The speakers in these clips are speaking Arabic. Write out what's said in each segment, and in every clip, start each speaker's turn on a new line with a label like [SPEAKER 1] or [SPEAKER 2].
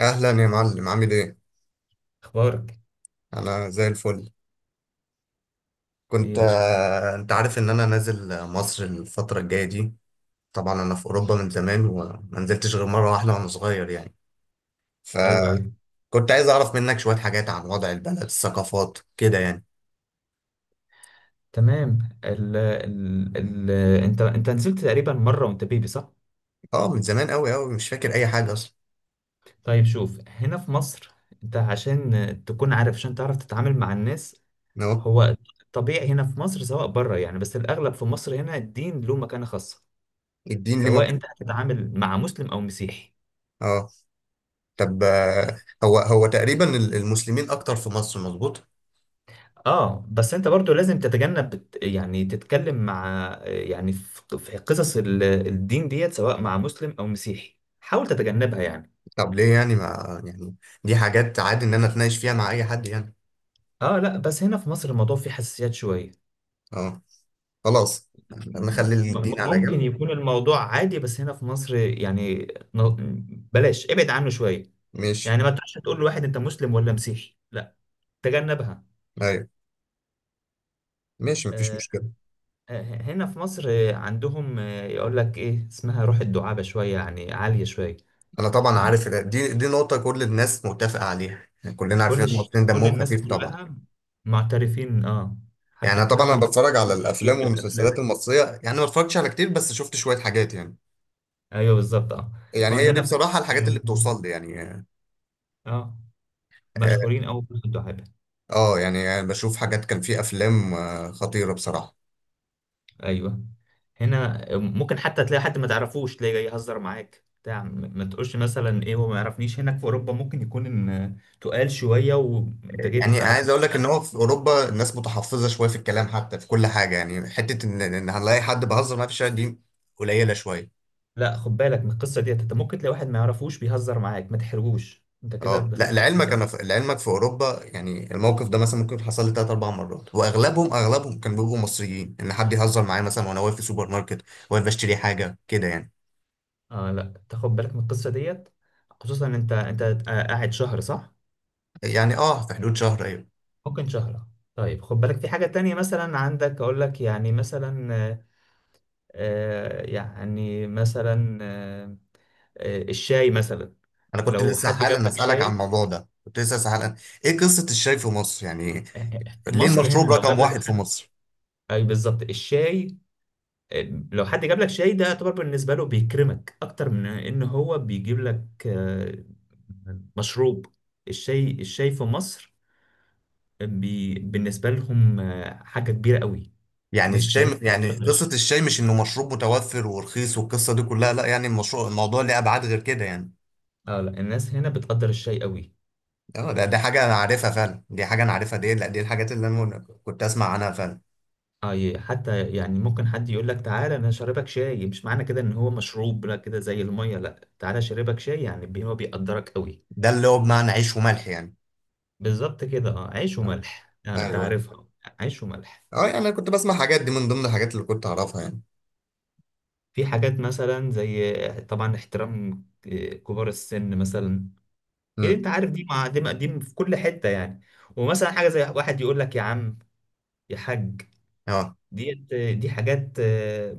[SPEAKER 1] اهلا يا معلم، عامل ايه؟
[SPEAKER 2] اخبارك
[SPEAKER 1] انا زي الفل.
[SPEAKER 2] ايه
[SPEAKER 1] كنت
[SPEAKER 2] يا باشا؟
[SPEAKER 1] انت عارف ان انا نازل مصر الفتره الجايه دي. طبعا انا في اوروبا من زمان وما نزلتش غير مره واحده وانا صغير يعني.
[SPEAKER 2] ايوه ايوه،
[SPEAKER 1] فكنت عايز اعرف منك شويه حاجات عن وضع البلد، الثقافات كده يعني.
[SPEAKER 2] تمام. ال ال ال انت نزلت تقريبا مره وانت بيبي صح؟
[SPEAKER 1] اه، من زمان قوي قوي، مش فاكر اي حاجه اصلا.
[SPEAKER 2] طيب، شوف هنا في مصر، انت عشان تكون عارف عشان تعرف تتعامل مع الناس،
[SPEAKER 1] اهو.
[SPEAKER 2] هو طبيعي هنا في مصر سواء بره، يعني بس الاغلب في مصر هنا الدين له مكانه خاصه،
[SPEAKER 1] الدين ليه
[SPEAKER 2] سواء
[SPEAKER 1] مكان؟
[SPEAKER 2] انت هتتعامل مع مسلم او مسيحي.
[SPEAKER 1] اه. طب هو هو تقريبا المسلمين اكتر في مصر، مظبوط؟
[SPEAKER 2] اه بس انت برضو لازم تتجنب يعني تتكلم مع، يعني في قصص الدين ديت سواء مع مسلم او مسيحي حاول تتجنبها يعني.
[SPEAKER 1] طب ليه يعني، ما يعني دي حاجات عادي ان انا اتناقش فيها مع اي حد يعني.
[SPEAKER 2] اه لا بس هنا في مصر الموضوع فيه حساسيات شوية.
[SPEAKER 1] اه، خلاص، نخلي الدين على
[SPEAKER 2] ممكن
[SPEAKER 1] جنب.
[SPEAKER 2] يكون الموضوع عادي بس هنا في مصر يعني، بلاش، ابعد عنه شوية.
[SPEAKER 1] ماشي.
[SPEAKER 2] يعني ما تروحش تقول لواحد انت مسلم ولا مسيحي، لا تجنبها.
[SPEAKER 1] ايوه، ماشي، مفيش
[SPEAKER 2] آه،
[SPEAKER 1] مشكلة.
[SPEAKER 2] هنا في مصر عندهم يقول لك ايه اسمها، روح الدعابة شوية يعني عالية شوية.
[SPEAKER 1] انا طبعا
[SPEAKER 2] م-
[SPEAKER 1] عارف إن دي نقطة كل الناس متفقة عليها يعني، كلنا
[SPEAKER 2] كل
[SPEAKER 1] عارفين إن المصريين
[SPEAKER 2] كل
[SPEAKER 1] دمهم
[SPEAKER 2] الناس
[SPEAKER 1] خفيف طبعا.
[SPEAKER 2] كلها معترفين، اه.
[SPEAKER 1] يعني أنا
[SPEAKER 2] حتى
[SPEAKER 1] طبعا
[SPEAKER 2] حتى
[SPEAKER 1] انا
[SPEAKER 2] ممكن
[SPEAKER 1] بتفرج على
[SPEAKER 2] يكونوا في
[SPEAKER 1] الافلام والمسلسلات
[SPEAKER 2] الافلام.
[SPEAKER 1] المصرية، يعني ما اتفرجتش على كتير بس شفت شوية حاجات يعني.
[SPEAKER 2] ايوه بالظبط اه.
[SPEAKER 1] يعني
[SPEAKER 2] هو
[SPEAKER 1] هي دي
[SPEAKER 2] هنا في
[SPEAKER 1] بصراحة
[SPEAKER 2] مصر
[SPEAKER 1] الحاجات اللي بتوصل لي يعني.
[SPEAKER 2] اه
[SPEAKER 1] اه.
[SPEAKER 2] مشهورين أوي في الدعابة.
[SPEAKER 1] يعني بشوف حاجات، كان في افلام خطيرة بصراحة.
[SPEAKER 2] أيوه، هنا ممكن حتى تلاقي حد ما تعرفوش تلاقي جاي يهزر معاك بتاع، ما تقولش مثلا ايه هو ما يعرفنيش، هناك في اوروبا ممكن يكون ان تقال شويه وانت جيت ما
[SPEAKER 1] يعني عايز اقول
[SPEAKER 2] تعرفنيش،
[SPEAKER 1] لك ان
[SPEAKER 2] لا.
[SPEAKER 1] هو في اوروبا الناس متحفظه شويه في الكلام، حتى في كل حاجه يعني. حته ان هنلاقي حد بهزر معاه في الشارع دي قليله شويه.
[SPEAKER 2] لا خد بالك من القصه ديت، انت ممكن تلاقي واحد ما يعرفوش بيهزر معاك، ما تحرجوش انت كده
[SPEAKER 1] اه لا،
[SPEAKER 2] دخلت في
[SPEAKER 1] لعلمك
[SPEAKER 2] قصه
[SPEAKER 1] انا،
[SPEAKER 2] مش.
[SPEAKER 1] في اوروبا، يعني الموقف ده مثلا ممكن حصل لي ثلاث اربع مرات، واغلبهم اغلبهم كانوا بيبقوا مصريين، ان حد يهزر معايا مثلا وانا واقف في سوبر ماركت، واقف بشتري حاجه كده يعني.
[SPEAKER 2] اه لا، تاخد بالك من القصه ديت. خصوصا انت قاعد شهر صح؟
[SPEAKER 1] يعني اه، في حدود شهر، ايوه.
[SPEAKER 2] ممكن شهر. طيب خد بالك في حاجه تانية، مثلا عندك اقول لك يعني مثلا، يعني مثلا الشاي مثلا،
[SPEAKER 1] انا كنت
[SPEAKER 2] لو
[SPEAKER 1] لسه
[SPEAKER 2] حد جاب
[SPEAKER 1] حالا
[SPEAKER 2] لك
[SPEAKER 1] اسالك عن
[SPEAKER 2] شاي.
[SPEAKER 1] الموضوع ده، كنت لسه حالا. ايه قصه الشاي في مصر يعني؟
[SPEAKER 2] في
[SPEAKER 1] ليه
[SPEAKER 2] مصر هنا
[SPEAKER 1] المشروب
[SPEAKER 2] لو
[SPEAKER 1] رقم
[SPEAKER 2] جاب لك
[SPEAKER 1] واحد في
[SPEAKER 2] حد،
[SPEAKER 1] مصر؟
[SPEAKER 2] اي بالظبط الشاي، آه، لو حد جاب لك شاي ده يعتبر بالنسبه له بيكرمك اكتر من ان هو بيجيب لك مشروب. الشاي في مصر بالنسبه لهم حاجه كبيره قوي.
[SPEAKER 1] يعني
[SPEAKER 2] الناس هنا
[SPEAKER 1] الشاي، يعني
[SPEAKER 2] بتقدر
[SPEAKER 1] قصة
[SPEAKER 2] الشاي.
[SPEAKER 1] الشاي مش انه مشروب متوفر ورخيص والقصة دي كلها، لا يعني المشروع الموضوع ليه ابعاد غير كده يعني.
[SPEAKER 2] اه لا الناس هنا بتقدر الشاي قوي.
[SPEAKER 1] اه، دي حاجة انا عارفها فعلا، دي حاجة انا عارفها، دي لا، دي الحاجات اللي انا كنت اسمع عنها فعلا.
[SPEAKER 2] اه حتى يعني ممكن حد يقول لك تعالى انا شاربك شاي، مش معنى كده ان هو مشروب، لا كده زي الميه، لا تعالى شاربك شاي يعني هو بيقدرك قوي.
[SPEAKER 1] ده اللي هو بمعنى عيش وملح يعني.
[SPEAKER 2] بالظبط كده، اه، عيش
[SPEAKER 1] اه.
[SPEAKER 2] وملح، آه انت
[SPEAKER 1] ايوه.
[SPEAKER 2] عارفها. عيش وملح.
[SPEAKER 1] اه، يعني انا كنت بسمع حاجات دي من ضمن الحاجات اللي كنت اعرفها يعني.
[SPEAKER 2] في حاجات مثلا زي طبعا احترام كبار السن مثلا، كده
[SPEAKER 1] امم.
[SPEAKER 2] انت عارف، دي مع دي دي في كل حته يعني. ومثلا حاجه زي واحد يقول لك يا عم، يا حاج
[SPEAKER 1] اه،
[SPEAKER 2] ديت، دي حاجات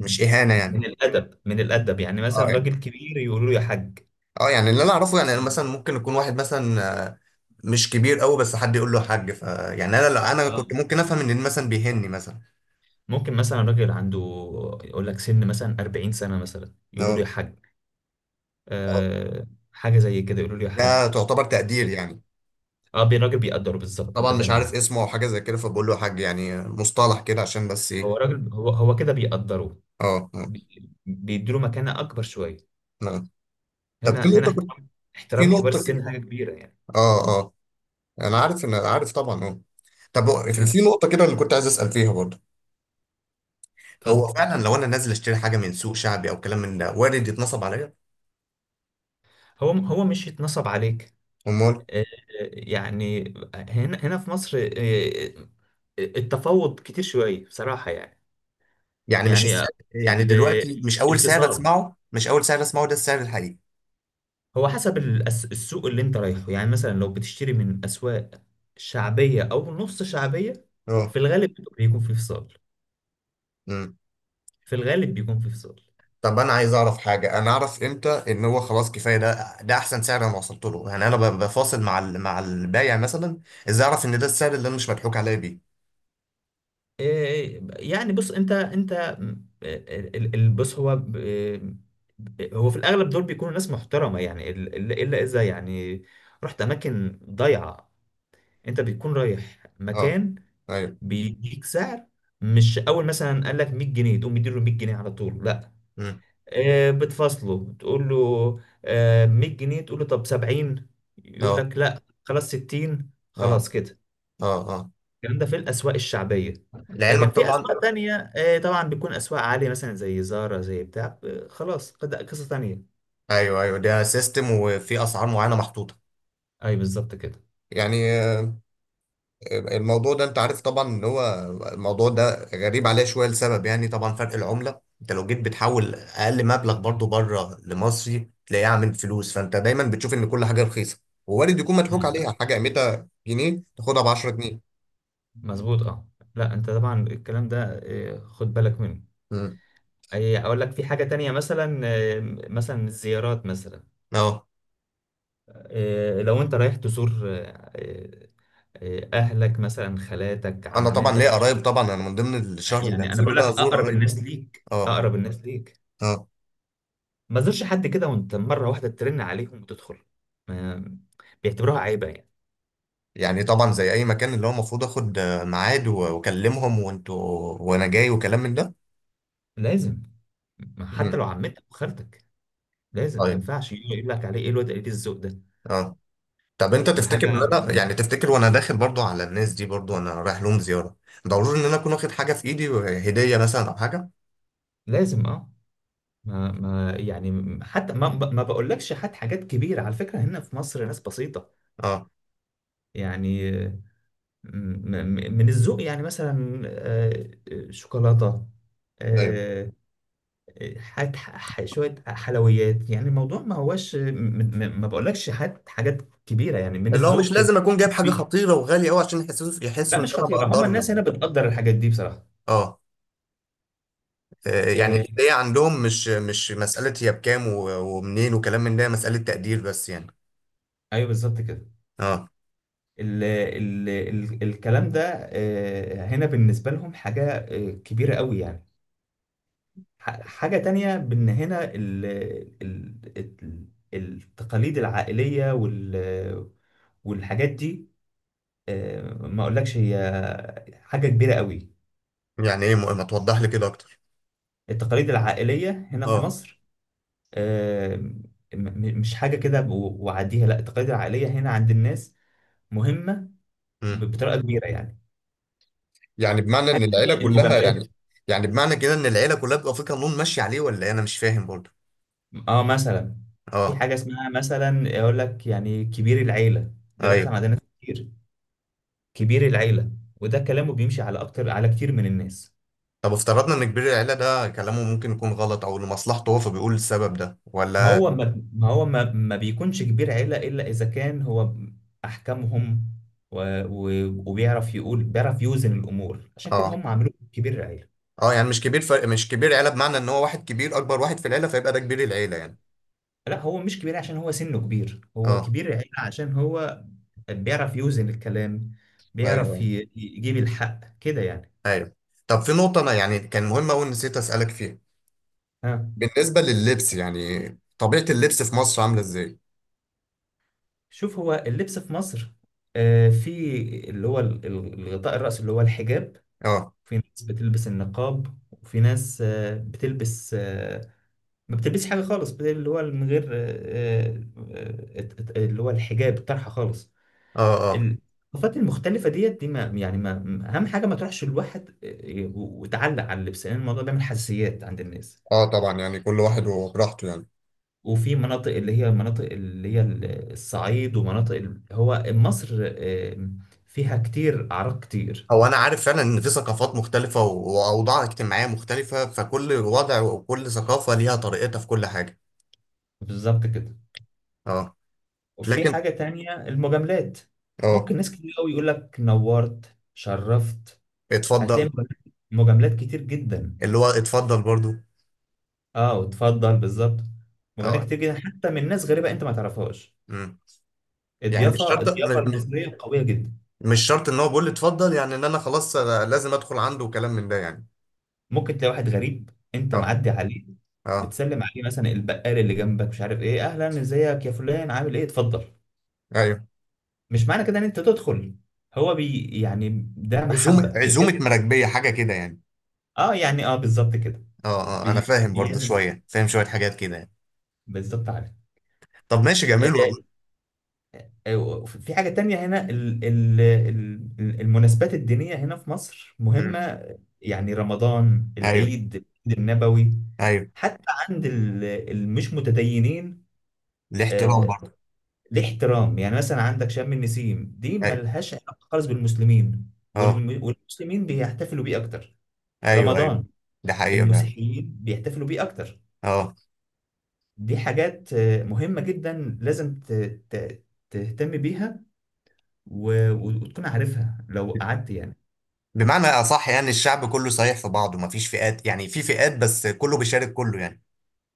[SPEAKER 1] مش اهانة
[SPEAKER 2] م-
[SPEAKER 1] يعني؟
[SPEAKER 2] من الادب، من الادب، يعني مثلا
[SPEAKER 1] اه يعني،
[SPEAKER 2] راجل كبير يقول له يا حاج.
[SPEAKER 1] اه يعني اللي انا اعرفه يعني، أنا
[SPEAKER 2] آه،
[SPEAKER 1] مثلا ممكن يكون واحد مثلا مش كبير قوي بس حد يقول له حاج، ف يعني انا، لا انا
[SPEAKER 2] آه.
[SPEAKER 1] كنت ممكن افهم ان مثلا بيهني مثلا.
[SPEAKER 2] ممكن مثلا راجل عنده، يقول لك سن مثلا 40 سنة مثلا، يقولوا له يا
[SPEAKER 1] اه.
[SPEAKER 2] حاج.
[SPEAKER 1] آه،
[SPEAKER 2] أه، حاجة زي كده يقولوا له يا
[SPEAKER 1] ده
[SPEAKER 2] حاج،
[SPEAKER 1] تعتبر تقدير
[SPEAKER 2] كده،
[SPEAKER 1] يعني.
[SPEAKER 2] اه الراجل بيقدره بالظبط،
[SPEAKER 1] طبعا
[SPEAKER 2] انت
[SPEAKER 1] مش
[SPEAKER 2] فاهم اهو.
[SPEAKER 1] عارف اسمه او حاجه زي كده فبقول له يا حاج، يعني مصطلح كده عشان بس
[SPEAKER 2] هو
[SPEAKER 1] ايه.
[SPEAKER 2] راجل، هو كده بيقدره،
[SPEAKER 1] اه.
[SPEAKER 2] بيديله مكانة أكبر شوية.
[SPEAKER 1] نعم. طب
[SPEAKER 2] هنا هنا احترام،
[SPEAKER 1] في
[SPEAKER 2] احترام كبار
[SPEAKER 1] نقطه كده.
[SPEAKER 2] السن حاجة كبيرة يعني.
[SPEAKER 1] اه اه، انا عارف ان، عارف طبعا، اه. طب هو في
[SPEAKER 2] ها،
[SPEAKER 1] في نقطه كده اللي كنت عايز اسال فيها برضه. هو
[SPEAKER 2] اتفضل.
[SPEAKER 1] فعلا لو انا نازل اشتري حاجه من سوق شعبي او كلام من ده، وارد يتنصب عليا؟
[SPEAKER 2] هو مش يتنصب عليك،
[SPEAKER 1] امال.
[SPEAKER 2] آه، يعني هنا في مصر التفاوض كتير شوية بصراحة يعني.
[SPEAKER 1] يعني مش
[SPEAKER 2] يعني
[SPEAKER 1] السعر يعني
[SPEAKER 2] ال-
[SPEAKER 1] دلوقتي،
[SPEAKER 2] الانفصال،
[SPEAKER 1] مش اول سعر اسمعه ده السعر الحقيقي.
[SPEAKER 2] هو حسب السوق اللي انت رايحه، يعني مثلا لو بتشتري من اسواق شعبية او نص شعبية،
[SPEAKER 1] اه.
[SPEAKER 2] في الغالب بيكون في فصال، في الغالب بيكون في فصال
[SPEAKER 1] طب انا عايز اعرف حاجه، انا اعرف امتى ان هو خلاص كفايه، ده ده احسن سعر انا وصلت له، يعني انا بفاصل مع البايع مثلا. ازاي اعرف ان ده السعر اللي انا مش مضحوك عليا بيه؟
[SPEAKER 2] إيه، يعني بص انت بص هو هو في الاغلب دول بيكونوا ناس محترمة يعني الا إلا اذا يعني رحت اماكن ضايعة، انت بتكون رايح
[SPEAKER 1] اه.
[SPEAKER 2] مكان
[SPEAKER 1] ايوه.
[SPEAKER 2] بيديك سعر، مش اول مثلا قال لك 100 جنيه تقوم مديله 100 جنيه على طول، لا.
[SPEAKER 1] امم.
[SPEAKER 2] بتفاصله، بتقول له 100 جنيه، تقول له طب 70، يقول
[SPEAKER 1] اه.
[SPEAKER 2] لك لا خلاص 60،
[SPEAKER 1] اه.
[SPEAKER 2] خلاص كده.
[SPEAKER 1] اه. اه.
[SPEAKER 2] الكلام ده في الأسواق الشعبية،
[SPEAKER 1] لعلمك
[SPEAKER 2] لكن في
[SPEAKER 1] طبعا.
[SPEAKER 2] أسواق تانية طبعا بتكون أسواق عالية مثلا زي زارا زي بتاع، خلاص قصة تانية.
[SPEAKER 1] ايوه، ايوه، ده سيستم وفي اسعار معينه محطوطه.
[SPEAKER 2] أي بالظبط كده.
[SPEAKER 1] يعني الموضوع ده انت عارف طبعا ان هو، الموضوع ده غريب عليه شويه لسبب، يعني طبعا فرق العمله، انت لو جيت بتحول اقل مبلغ برضو بره لمصري تلاقيه عامل فلوس، فانت دايما بتشوف ان كل حاجه رخيصه، ووارد يكون مضحوك عليها،
[SPEAKER 2] لا
[SPEAKER 1] حاجه قيمتها جنيه تاخدها ب 10 جنيه.
[SPEAKER 2] مظبوط اه. لا انت طبعا الكلام ده خد بالك منه.
[SPEAKER 1] امم.
[SPEAKER 2] أي، اقول لك في حاجة تانية مثلا مثلا الزيارات مثلا،
[SPEAKER 1] اه،
[SPEAKER 2] لو انت رايح تزور اهلك مثلا خالاتك
[SPEAKER 1] انا طبعا
[SPEAKER 2] عماتك،
[SPEAKER 1] ليا قرايب طبعا، انا من ضمن الشهر اللي
[SPEAKER 2] يعني انا
[SPEAKER 1] هنزله
[SPEAKER 2] بقول
[SPEAKER 1] ده
[SPEAKER 2] لك،
[SPEAKER 1] ازور
[SPEAKER 2] اقرب
[SPEAKER 1] قرايبي.
[SPEAKER 2] الناس ليك
[SPEAKER 1] اه.
[SPEAKER 2] اقرب الناس ليك
[SPEAKER 1] اه،
[SPEAKER 2] ما تزورش حد كده وانت مره واحده ترن عليهم وتدخل، ما- بيعتبروها عيبه يعني.
[SPEAKER 1] يعني طبعا زي اي مكان، اللي هو المفروض اخد ميعاد واكلمهم وانتوا وانا جاي وكلام من ده.
[SPEAKER 2] لازم، ما
[SPEAKER 1] امم.
[SPEAKER 2] حتى لو عمتك وخالتك، لازم، ما
[SPEAKER 1] طيب.
[SPEAKER 2] ينفعش يجي يقول لك عليه ايه الواد قليل الذوق ده.
[SPEAKER 1] اه. طب انت
[SPEAKER 2] دي
[SPEAKER 1] تفتكر ان
[SPEAKER 2] حاجه
[SPEAKER 1] انا يعني، تفتكر وانا داخل برضو على الناس دي، برضو انا رايح لهم زياره، ضروري ان انا اكون واخد حاجه في ايدي، هديه مثلا او حاجه؟
[SPEAKER 2] لازم، اه، ما يعني، حتى ما بقولكش حد حاجات كبيره، على فكره هنا في مصر ناس بسيطه
[SPEAKER 1] اه.
[SPEAKER 2] يعني، م- من الذوق، يعني مثلا شوكولاتة،
[SPEAKER 1] ايوه.
[SPEAKER 2] آه، حاجات شوية حلويات، يعني الموضوع ما هوش ما بقولكش حاجات، كبيرة يعني، من
[SPEAKER 1] اللي هو مش
[SPEAKER 2] الذوق كده.
[SPEAKER 1] لازم اكون جايب حاجه
[SPEAKER 2] طبيعي.
[SPEAKER 1] خطيره وغاليه قوي عشان يحسوا،
[SPEAKER 2] لا
[SPEAKER 1] يحسوا ان
[SPEAKER 2] مش
[SPEAKER 1] انا
[SPEAKER 2] خطيرة، هم
[SPEAKER 1] بقدرهم
[SPEAKER 2] الناس هنا
[SPEAKER 1] يعني.
[SPEAKER 2] بتقدر الحاجات دي بصراحة.
[SPEAKER 1] اه. اه، يعني
[SPEAKER 2] آه،
[SPEAKER 1] الهديه عندهم مش مساله هي بكام ومنين وكلام من ده، هي مساله تقدير بس يعني.
[SPEAKER 2] ايوه بالظبط كده.
[SPEAKER 1] اه.
[SPEAKER 2] ال ال ال الكلام ده هنا بالنسبة لهم حاجة كبيرة قوي يعني. حاجة تانية، بإن هنا ال ال- التقاليد العائلية والحاجات دي، ما أقولكش هي حاجة كبيرة قوي.
[SPEAKER 1] يعني ايه؟ ما توضح لي كده اكتر.
[SPEAKER 2] التقاليد العائلية هنا في
[SPEAKER 1] اه.
[SPEAKER 2] مصر آه، م- مش حاجة كده وعديها، لا التقاليد العائلية هنا عند الناس مهمة،
[SPEAKER 1] مم.
[SPEAKER 2] بطريقة كبيرة يعني.
[SPEAKER 1] يعني بمعنى ان
[SPEAKER 2] حاجة تانية،
[SPEAKER 1] العيله
[SPEAKER 2] مم،
[SPEAKER 1] كلها
[SPEAKER 2] المجاملات.
[SPEAKER 1] يعني، يعني بمعنى كده ان العيله كلها بتبقى في قانون ماشي عليه، ولا ايه؟ انا مش فاهم برضو.
[SPEAKER 2] اه مثلا في
[SPEAKER 1] اه.
[SPEAKER 2] حاجة اسمها مثلا، أقول لك يعني كبير العيلة، ده بيحصل
[SPEAKER 1] ايوه.
[SPEAKER 2] عند ناس كتير، كبير العيلة، وده كلامه بيمشي على أكتر، على كتير من الناس.
[SPEAKER 1] طب افترضنا ان كبير العيلة ده كلامه ممكن يكون غلط او لمصلحته هو، فبيقول السبب ده
[SPEAKER 2] ما
[SPEAKER 1] ولا؟
[SPEAKER 2] هو ما, ما هو ما, ما بيكونش كبير عيلة إلا إذا كان هو أحكامهم و... و... وبيعرف يقول بيعرف يوزن الأمور، عشان
[SPEAKER 1] اه.
[SPEAKER 2] كده هم عملوه كبير العيلة.
[SPEAKER 1] اه يعني مش كبير فرق، مش كبير عيلة بمعنى ان هو واحد كبير، اكبر واحد في العيلة فيبقى ده كبير العيلة يعني.
[SPEAKER 2] لا هو مش كبير عشان هو سنه كبير، هو
[SPEAKER 1] اه.
[SPEAKER 2] كبير العيلة عشان هو بيعرف يوزن الكلام،
[SPEAKER 1] ايوه.
[SPEAKER 2] بيعرف
[SPEAKER 1] ايوه.
[SPEAKER 2] يجيب الحق كده يعني.
[SPEAKER 1] ايوه. طب في نقطة انا يعني كان مهمة قوي نسيت اسألك فيها،
[SPEAKER 2] ها،
[SPEAKER 1] بالنسبة لللبس يعني، طبيعة اللبس في مصر عاملة ازاي؟
[SPEAKER 2] شوف هو اللبس في مصر في اللي هو الغطاء الرأس اللي هو الحجاب،
[SPEAKER 1] اه.
[SPEAKER 2] في ناس بتلبس النقاب، وفي ناس بتلبس ما بتلبسش حاجة خالص، اللي هو من غير آه، اللي هو الحجاب الطرحة خالص.
[SPEAKER 1] اه. اه.
[SPEAKER 2] الثقافات المختلفة ديت دي، ما يعني ما أهم حاجة ما تروحش الواحد وتعلق على اللبس، لأن الموضوع بيعمل حساسيات عند الناس.
[SPEAKER 1] اه. طبعا يعني كل واحد وبراحته يعني.
[SPEAKER 2] وفي مناطق اللي هي، الصعيد ومناطق هو مصر آه، فيها كتير، أعراق كتير.
[SPEAKER 1] هو انا عارف فعلا ان في ثقافات مختلفة واوضاع اجتماعية مختلفة، فكل وضع وكل ثقافة ليها طريقتها في كل حاجة.
[SPEAKER 2] بالظبط كده.
[SPEAKER 1] اه.
[SPEAKER 2] وفي
[SPEAKER 1] لكن.
[SPEAKER 2] حاجة تانية، المجاملات.
[SPEAKER 1] اه.
[SPEAKER 2] ممكن ناس كتير قوي يقول لك نورت شرفت، هتلاقي
[SPEAKER 1] اتفضل.
[SPEAKER 2] مجاملات، مجاملات كتير جدا.
[SPEAKER 1] اللي هو اتفضل برضو.
[SPEAKER 2] اه وتفضل بالظبط، مجاملات
[SPEAKER 1] اه.
[SPEAKER 2] كتير جدا حتى من ناس غريبة انت ما تعرفهاش.
[SPEAKER 1] امم. يعني مش
[SPEAKER 2] الضيافة،
[SPEAKER 1] شرط،
[SPEAKER 2] الضيافة
[SPEAKER 1] مش
[SPEAKER 2] المصرية قوية جدا.
[SPEAKER 1] مش شرط ان هو بيقول لي اتفضل يعني ان انا خلاص لازم ادخل عنده وكلام من ده يعني.
[SPEAKER 2] ممكن تلاقي واحد غريب انت
[SPEAKER 1] اه.
[SPEAKER 2] معدي عليه
[SPEAKER 1] اه،
[SPEAKER 2] بتسلم عليه، مثلا البقال اللي جنبك مش عارف ايه، اهلا ازيك يا فلان عامل ايه اتفضل،
[SPEAKER 1] ايوه.
[SPEAKER 2] مش معنى كده ان انت تدخل، هو بي يعني ده
[SPEAKER 1] عزومه
[SPEAKER 2] محبة بيحب.
[SPEAKER 1] عزومه مراكبيه حاجه كده يعني.
[SPEAKER 2] اه يعني، اه بالظبط كده،
[SPEAKER 1] اه. اه، انا فاهم برضو
[SPEAKER 2] بيعزم.
[SPEAKER 1] شويه، فاهم شويه حاجات كده يعني.
[SPEAKER 2] بالظبط، عارف.
[SPEAKER 1] طب ماشي، جميل والله.
[SPEAKER 2] آه، في حاجة تانية هنا، المناسبات الدينية هنا في مصر
[SPEAKER 1] امم.
[SPEAKER 2] مهمة، يعني رمضان،
[SPEAKER 1] ايوه.
[SPEAKER 2] العيد، العيد النبوي،
[SPEAKER 1] ايوه.
[SPEAKER 2] حتى عند المش متدينين،
[SPEAKER 1] الاحترام
[SPEAKER 2] آه،
[SPEAKER 1] برضو.
[SPEAKER 2] ليه احترام. يعني مثلا عندك شم النسيم، دي
[SPEAKER 1] ايوه.
[SPEAKER 2] ملهاش علاقة خالص بالمسلمين،
[SPEAKER 1] اه.
[SPEAKER 2] والمسلمين بيحتفلوا بيه أكتر،
[SPEAKER 1] ايوه. ايوه.
[SPEAKER 2] رمضان
[SPEAKER 1] ده حقيقي فعلا.
[SPEAKER 2] المسيحيين بيحتفلوا بيه أكتر.
[SPEAKER 1] اه.
[SPEAKER 2] دي حاجات مهمة جدا لازم ت- تهتم بيها و... و- وتكون عارفها لو قعدت يعني.
[SPEAKER 1] بمعنى اصح يعني الشعب كله صحيح في بعضه، مفيش فئات، يعني في فئات بس كله بيشارك كله يعني.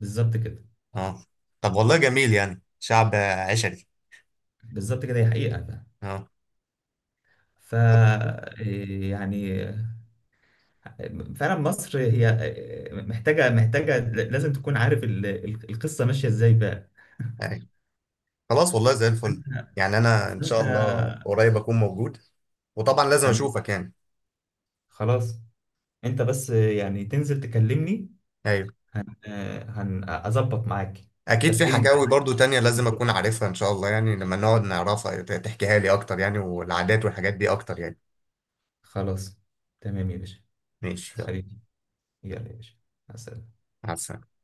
[SPEAKER 2] بالظبط كده
[SPEAKER 1] اه. طب والله، جميل يعني، شعب عشري.
[SPEAKER 2] بالظبط كده، هي حقيقة بقى.
[SPEAKER 1] اه
[SPEAKER 2] ف، إيه يعني، فعلا مصر هي إيه، محتاجة، لازم تكون عارف القصة ماشية ازاي بقى.
[SPEAKER 1] يعني. خلاص والله زي الفل. يعني انا
[SPEAKER 2] فانت
[SPEAKER 1] ان شاء الله
[SPEAKER 2] فأنت-
[SPEAKER 1] قريب اكون موجود، وطبعا لازم
[SPEAKER 2] تمام،
[SPEAKER 1] اشوفك يعني.
[SPEAKER 2] خلاص، انت بس يعني تنزل تكلمني،
[SPEAKER 1] ايوه.
[SPEAKER 2] هن هن اظبط معاك لو
[SPEAKER 1] اكيد في
[SPEAKER 2] احتجتني
[SPEAKER 1] حكاوي
[SPEAKER 2] معاك.
[SPEAKER 1] برضو تانية لازم اكون عارفها ان شاء الله، يعني لما نقعد نعرفها تحكيها لي اكتر يعني، والعادات والحاجات دي اكتر يعني.
[SPEAKER 2] خلاص، تمام يا باشا،
[SPEAKER 1] ماشي، يلا.
[SPEAKER 2] حبيبي، يلا يا باشا، مع السلامة.
[SPEAKER 1] مع السلامة.